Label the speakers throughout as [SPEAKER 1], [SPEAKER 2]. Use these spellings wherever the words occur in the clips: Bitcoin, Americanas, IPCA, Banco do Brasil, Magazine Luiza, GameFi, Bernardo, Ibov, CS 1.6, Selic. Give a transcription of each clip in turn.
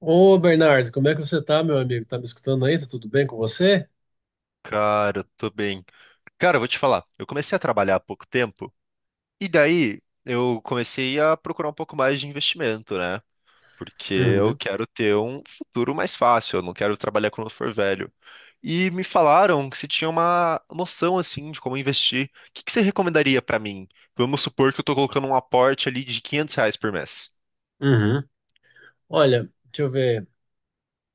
[SPEAKER 1] Ô, Bernardo, como é que você tá, meu amigo? Tá me escutando aí? Tá tudo bem com você?
[SPEAKER 2] Cara, eu tô bem. Cara, eu vou te falar, eu comecei a trabalhar há pouco tempo, e daí eu comecei a procurar um pouco mais de investimento, né? Porque eu
[SPEAKER 1] Uhum,
[SPEAKER 2] quero ter um futuro mais fácil, eu não quero trabalhar quando eu for velho. E me falaram que você tinha uma noção, assim, de como investir. O que que você recomendaria pra mim? Vamos supor que eu tô colocando um aporte ali de R$ 500 por mês.
[SPEAKER 1] uhum. Olha, deixa eu ver.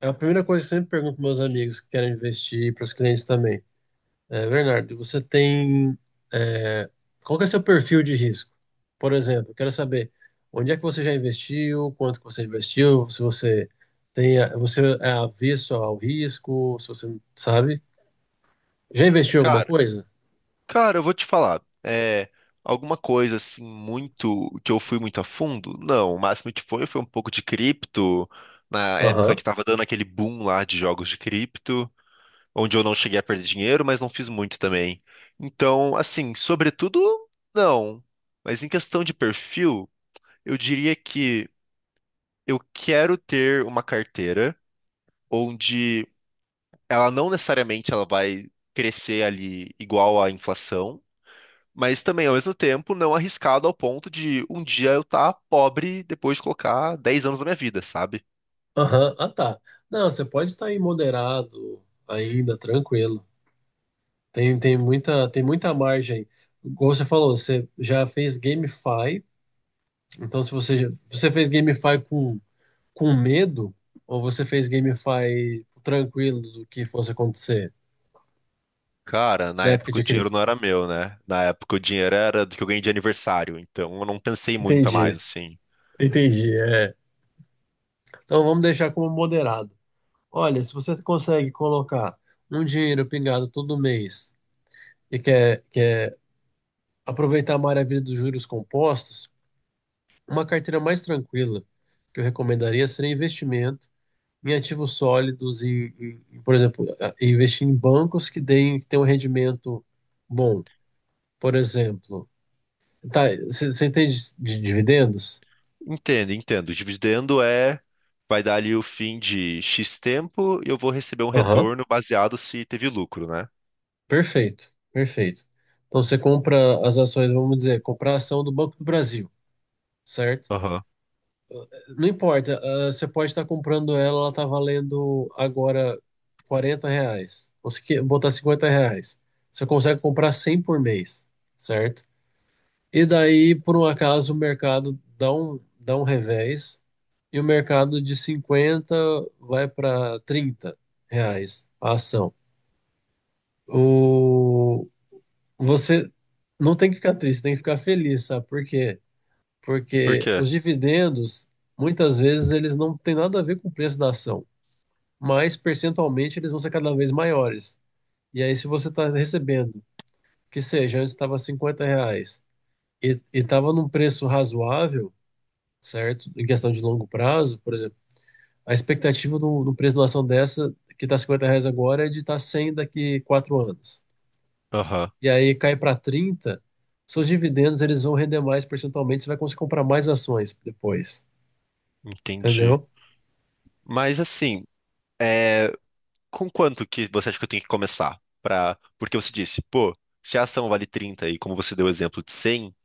[SPEAKER 1] É a primeira coisa que eu sempre pergunto para meus amigos que querem investir e para os clientes também. É, Bernardo, você tem. é, Qual que é seu perfil de risco? Por exemplo, eu quero saber onde é que você já investiu, quanto que você investiu, se você tem, você é avesso ao risco, se você sabe. Já investiu em alguma
[SPEAKER 2] Cara,
[SPEAKER 1] coisa?
[SPEAKER 2] Cara, eu vou te falar. É, alguma coisa assim, muito que eu fui muito a fundo? Não, o máximo que foi um pouco de cripto, na época que tava dando aquele boom lá de jogos de cripto, onde eu não cheguei a perder dinheiro, mas não fiz muito também. Então, assim, sobretudo, não. Mas em questão de perfil, eu diria que eu quero ter uma carteira onde ela não necessariamente ela vai crescer ali igual à inflação, mas também, ao mesmo tempo, não arriscado ao ponto de um dia eu estar pobre depois de colocar 10 anos da minha vida, sabe?
[SPEAKER 1] Aham, ah, tá. Não, você pode estar aí moderado, ainda tranquilo. Tem muita margem. Como você falou, você já fez GameFi, então se você, já- você fez GameFi com medo, ou você fez GameFi tranquilo do que fosse acontecer
[SPEAKER 2] Cara, na
[SPEAKER 1] na época
[SPEAKER 2] época o
[SPEAKER 1] de
[SPEAKER 2] dinheiro não
[SPEAKER 1] cripto?
[SPEAKER 2] era meu, né? Na época o dinheiro era do que eu ganhei de aniversário, então eu não pensei muito a mais,
[SPEAKER 1] Entendi,
[SPEAKER 2] assim.
[SPEAKER 1] entendi, é. Então vamos deixar como moderado. Olha, se você consegue colocar um dinheiro pingado todo mês e quer aproveitar a maravilha dos juros compostos, uma carteira mais tranquila que eu recomendaria seria investimento em ativos sólidos e, por exemplo, e investir em bancos que tenham um rendimento bom. Por exemplo, tá, você entende de dividendos?
[SPEAKER 2] Entendo, entendo. O dividendo é, vai dar ali o fim de X tempo e eu vou receber um
[SPEAKER 1] Aham,
[SPEAKER 2] retorno baseado se teve lucro, né?
[SPEAKER 1] perfeito, perfeito. Então você compra as ações, vamos dizer, comprar a ação do Banco do Brasil, certo?
[SPEAKER 2] Aham.
[SPEAKER 1] Não importa, você pode estar comprando ela, ela tá valendo agora R$ 40. Ou se botar R$ 50. Você consegue comprar 100 por mês, certo? E daí, por um acaso, o mercado dá um revés e o mercado de 50 vai para R$ 30 a ação. O, você não tem que ficar triste, tem que ficar feliz, sabe? Porque
[SPEAKER 2] Por
[SPEAKER 1] porque
[SPEAKER 2] quê?
[SPEAKER 1] os dividendos, muitas vezes, eles não têm nada a ver com o preço da ação, mas percentualmente eles vão ser cada vez maiores. E aí, se você está recebendo, que seja, antes estava R$ 50 e estava num preço razoável, certo? Em questão de longo prazo, por exemplo, a expectativa do preço de uma ação dessa, que está R$ 50 agora, é de estar 100 daqui 4 anos.
[SPEAKER 2] Aham.
[SPEAKER 1] E aí cai para 30, seus dividendos eles vão render mais percentualmente, você vai conseguir comprar mais ações depois,
[SPEAKER 2] Entendi.
[SPEAKER 1] entendeu?
[SPEAKER 2] Mas assim, com quanto que você acha que eu tenho que começar? Pra... Porque você disse, pô, se a ação vale 30 e como você deu o exemplo de 100,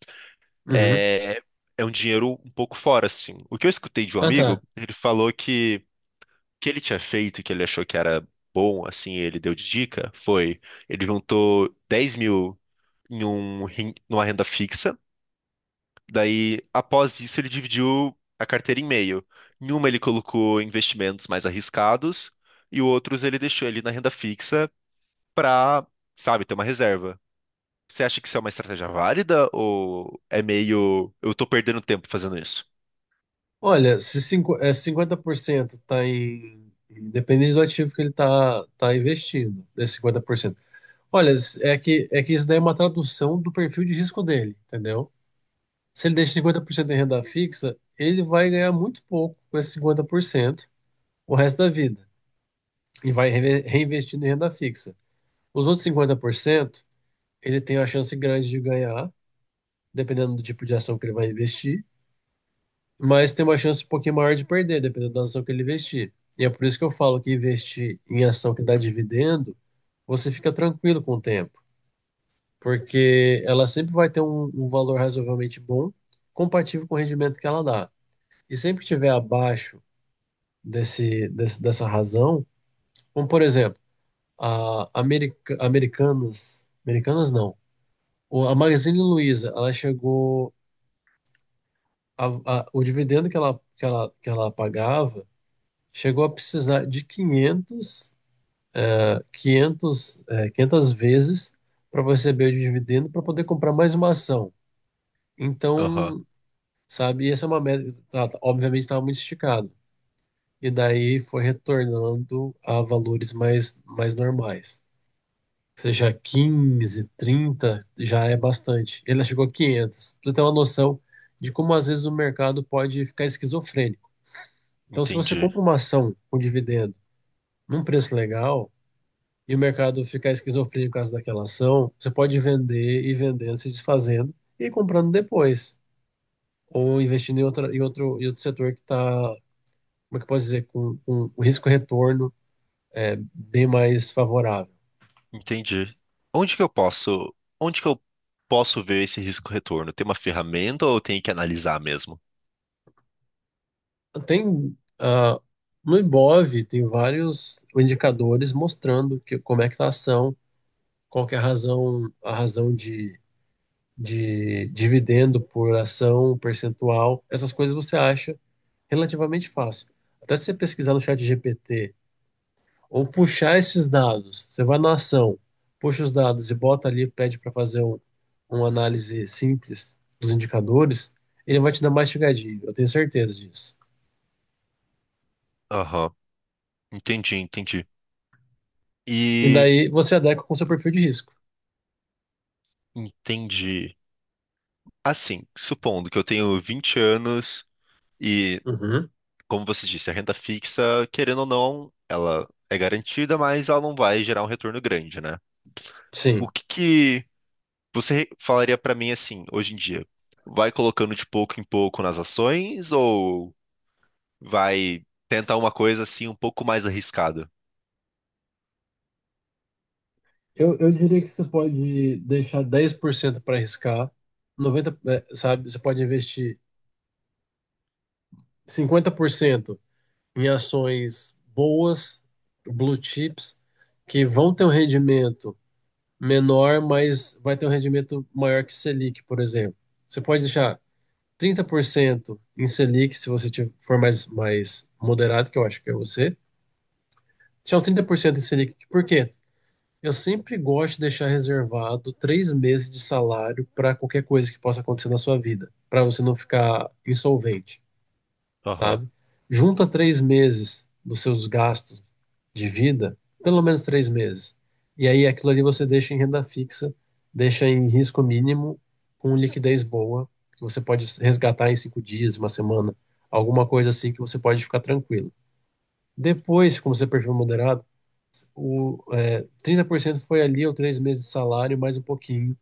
[SPEAKER 1] Uhum.
[SPEAKER 2] é... é um dinheiro um pouco fora, assim. O que eu escutei de um
[SPEAKER 1] Ah,
[SPEAKER 2] amigo,
[SPEAKER 1] tá.
[SPEAKER 2] ele falou que o que ele tinha feito e que ele achou que era bom, assim, ele deu de dica, foi ele juntou 10.000 numa renda fixa. Daí, após isso, ele dividiu a carteira em meio. Em uma, ele colocou investimentos mais arriscados, e outros ele deixou ali na renda fixa para, sabe, ter uma reserva. Você acha que isso é uma estratégia válida ou é meio eu tô perdendo tempo fazendo isso?
[SPEAKER 1] Olha, se 50% está em. Depende do ativo que ele está tá tá investindo, desse 50%. Olha, é que isso daí é uma tradução do perfil de risco dele, entendeu? Se ele deixa 50% em renda fixa, ele vai ganhar muito pouco com esse 50% o resto da vida. E vai reinvestindo em renda fixa. Os outros 50% ele tem a chance grande de ganhar, dependendo do tipo de ação que ele vai investir. Mas tem uma chance um pouquinho maior de perder, dependendo da ação que ele investir. E é por isso que eu falo que investir em ação que dá dividendo, você fica tranquilo com o tempo, porque ela sempre vai ter um valor razoavelmente bom, compatível com o rendimento que ela dá. E sempre que tiver abaixo dessa razão, como por exemplo, Americanas, Americanas não, a Magazine Luiza, ela chegou, a- o dividendo que ela pagava chegou a precisar de 500, 500, 500 vezes para receber o dividendo para poder comprar mais uma ação.
[SPEAKER 2] Aham,
[SPEAKER 1] Então, sabe, essa é uma meta, que obviamente estava muito esticado. E daí foi retornando a valores mais normais. Ou seja, 15, 30 já é bastante. Ele chegou a 500. Pra você ter uma noção de como às vezes o mercado pode ficar esquizofrênico. Então, se você
[SPEAKER 2] entendi.
[SPEAKER 1] compra uma ação com dividendo num preço legal, e o mercado ficar esquizofrênico por causa daquela ação, você pode vender e vendendo, se desfazendo e comprando depois. Ou investindo em outro setor que está, como é que eu posso dizer, com, o risco-retorno é bem mais favorável.
[SPEAKER 2] Entendi. Onde que eu posso, onde que eu posso ver esse risco retorno? Tem uma ferramenta ou eu tenho que analisar mesmo?
[SPEAKER 1] Tem, no Ibov, tem vários indicadores mostrando que, como é que está a ação, qual que é a razão, a razão de dividendo por ação, percentual, essas coisas você acha relativamente fácil. Até se você pesquisar no chat GPT ou puxar esses dados, você vai na ação, puxa os dados e bota ali, pede para fazer uma análise simples dos indicadores, ele vai te dar mastigadinho, eu tenho certeza disso.
[SPEAKER 2] Aham, entendi, entendi.
[SPEAKER 1] E
[SPEAKER 2] E
[SPEAKER 1] daí você adequa com o seu perfil de risco.
[SPEAKER 2] Entendi. Assim, supondo que eu tenho 20 anos e,
[SPEAKER 1] Uhum.
[SPEAKER 2] como você disse, a renda fixa, querendo ou não, ela é garantida, mas ela não vai gerar um retorno grande, né? O
[SPEAKER 1] Sim.
[SPEAKER 2] que que você falaria pra mim assim, hoje em dia? Vai colocando de pouco em pouco nas ações ou vai tentar uma coisa assim um pouco mais arriscada?
[SPEAKER 1] Eu diria que você pode deixar 10% para arriscar, 90, sabe? Você pode investir 50% em ações boas, blue chips, que vão ter um rendimento menor, mas vai ter um rendimento maior que Selic, por exemplo. Você pode deixar 30% em Selic, se você for mais moderado, que eu acho que é você. Deixar uns 30% em Selic. Por quê? Eu sempre gosto de deixar reservado 3 meses de salário para qualquer coisa que possa acontecer na sua vida, para você não ficar insolvente.
[SPEAKER 2] Aham,
[SPEAKER 1] Sabe? Junta 3 meses dos seus gastos de vida, pelo menos 3 meses. E aí aquilo ali você deixa em renda fixa, deixa em risco mínimo, com liquidez boa, que você pode resgatar em 5 dias, uma semana, alguma coisa assim que você pode ficar tranquilo. Depois, como você é perfil moderado, 30% foi ali ou 3 meses de salário, mais um pouquinho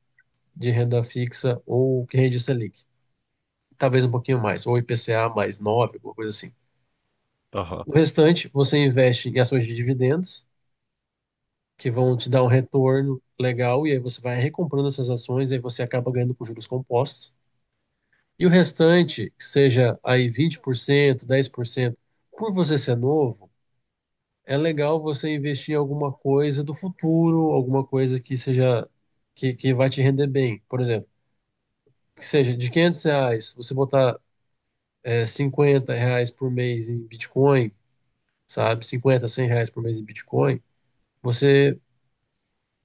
[SPEAKER 1] de renda fixa ou que rende Selic. Talvez um pouquinho mais, ou IPCA mais 9 alguma coisa assim.
[SPEAKER 2] aham.
[SPEAKER 1] O restante você investe em ações de dividendos, que vão te dar um retorno legal, e aí você vai recomprando essas ações, e aí você acaba ganhando com juros compostos. E o restante, que seja aí 20% 10% por você ser novo, é legal você investir em alguma coisa do futuro, alguma coisa que seja que vai te render bem. Por exemplo, que seja de R$ 500, você botar R$ 50 por mês em Bitcoin, sabe? Cinquenta 100 reais por mês em Bitcoin, você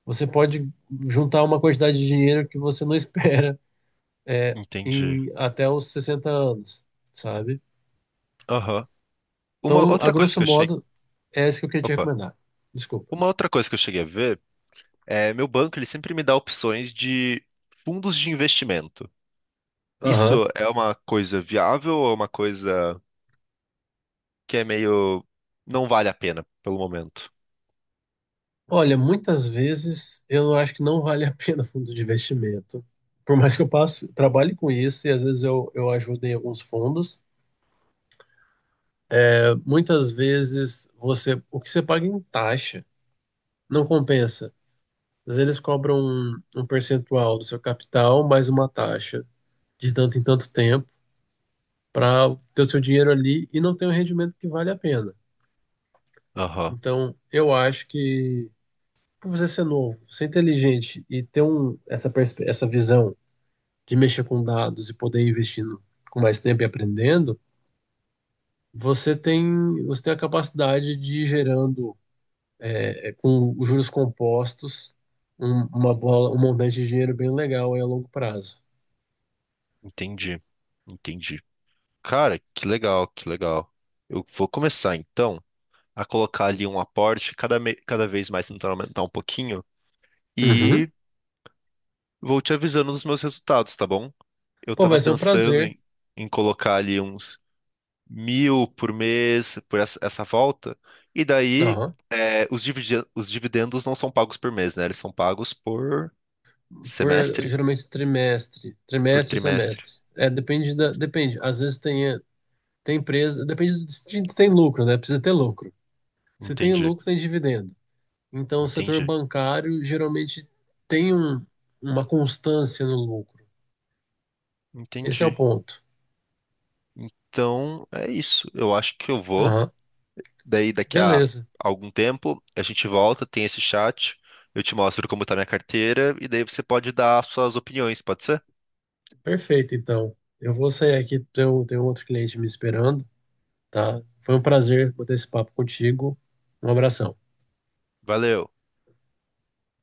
[SPEAKER 1] Você pode juntar uma quantidade de dinheiro que você não espera
[SPEAKER 2] Entendi.
[SPEAKER 1] em até os 60 anos, sabe?
[SPEAKER 2] Aham. Uma
[SPEAKER 1] Então, a
[SPEAKER 2] outra coisa
[SPEAKER 1] grosso
[SPEAKER 2] que eu cheguei,
[SPEAKER 1] modo, é isso que eu queria te
[SPEAKER 2] opa,
[SPEAKER 1] recomendar. Desculpa.
[SPEAKER 2] uma outra coisa que eu cheguei a ver. Meu banco, ele sempre me dá opções de fundos de investimento.
[SPEAKER 1] Aham.
[SPEAKER 2] Isso é uma coisa viável ou é uma coisa que é meio não vale a pena pelo momento?
[SPEAKER 1] Olha, muitas vezes eu acho que não vale a pena fundo de investimento. Por mais que eu passe, trabalhe com isso e às vezes eu ajudo em alguns fundos. É, muitas vezes você o que você paga em taxa não compensa. Às vezes eles cobram um percentual do seu capital mais uma taxa de tanto em tanto tempo. Para ter o seu dinheiro ali e não tem um rendimento que vale a pena.
[SPEAKER 2] Aham,
[SPEAKER 1] Então, eu acho que por você ser novo, ser inteligente e ter essa visão de mexer com dados e poder ir investindo com mais tempo e aprendendo, você tem, você tem a capacidade de ir gerando com os juros compostos uma bola, um montante de dinheiro bem legal aí a longo prazo.
[SPEAKER 2] entendi, entendi. Cara, que legal, que legal. Eu vou começar então a colocar ali um aporte cada vez mais tentando aumentar um pouquinho
[SPEAKER 1] Uhum.
[SPEAKER 2] e vou te avisando dos meus resultados, tá bom? Eu
[SPEAKER 1] Pô,
[SPEAKER 2] tava
[SPEAKER 1] vai ser um
[SPEAKER 2] pensando
[SPEAKER 1] prazer.
[SPEAKER 2] em colocar ali uns 1.000 por mês por essa volta. E daí
[SPEAKER 1] Aham.
[SPEAKER 2] os dividendos não são pagos por mês, né? Eles são pagos por
[SPEAKER 1] Por
[SPEAKER 2] semestre,
[SPEAKER 1] geralmente trimestre,
[SPEAKER 2] por
[SPEAKER 1] trimestre ou
[SPEAKER 2] trimestre.
[SPEAKER 1] semestre. É, depende. Às vezes tem empresa, depende de se tem lucro, né? Precisa ter lucro. Se tem
[SPEAKER 2] Entendi,
[SPEAKER 1] lucro, tem dividendo. Então, o setor
[SPEAKER 2] entendi,
[SPEAKER 1] bancário geralmente tem uma constância no lucro. Esse é o
[SPEAKER 2] entendi.
[SPEAKER 1] ponto.
[SPEAKER 2] Então é isso. Eu acho que eu vou.
[SPEAKER 1] Aham.
[SPEAKER 2] Daí daqui a
[SPEAKER 1] Beleza.
[SPEAKER 2] algum tempo a gente volta, tem esse chat. Eu te mostro como tá minha carteira e daí você pode dar suas opiniões, pode ser?
[SPEAKER 1] Perfeito, então. Eu vou sair aqui, tem um outro cliente me esperando, tá? Foi um prazer bater esse papo contigo. Um abração.
[SPEAKER 2] Valeu.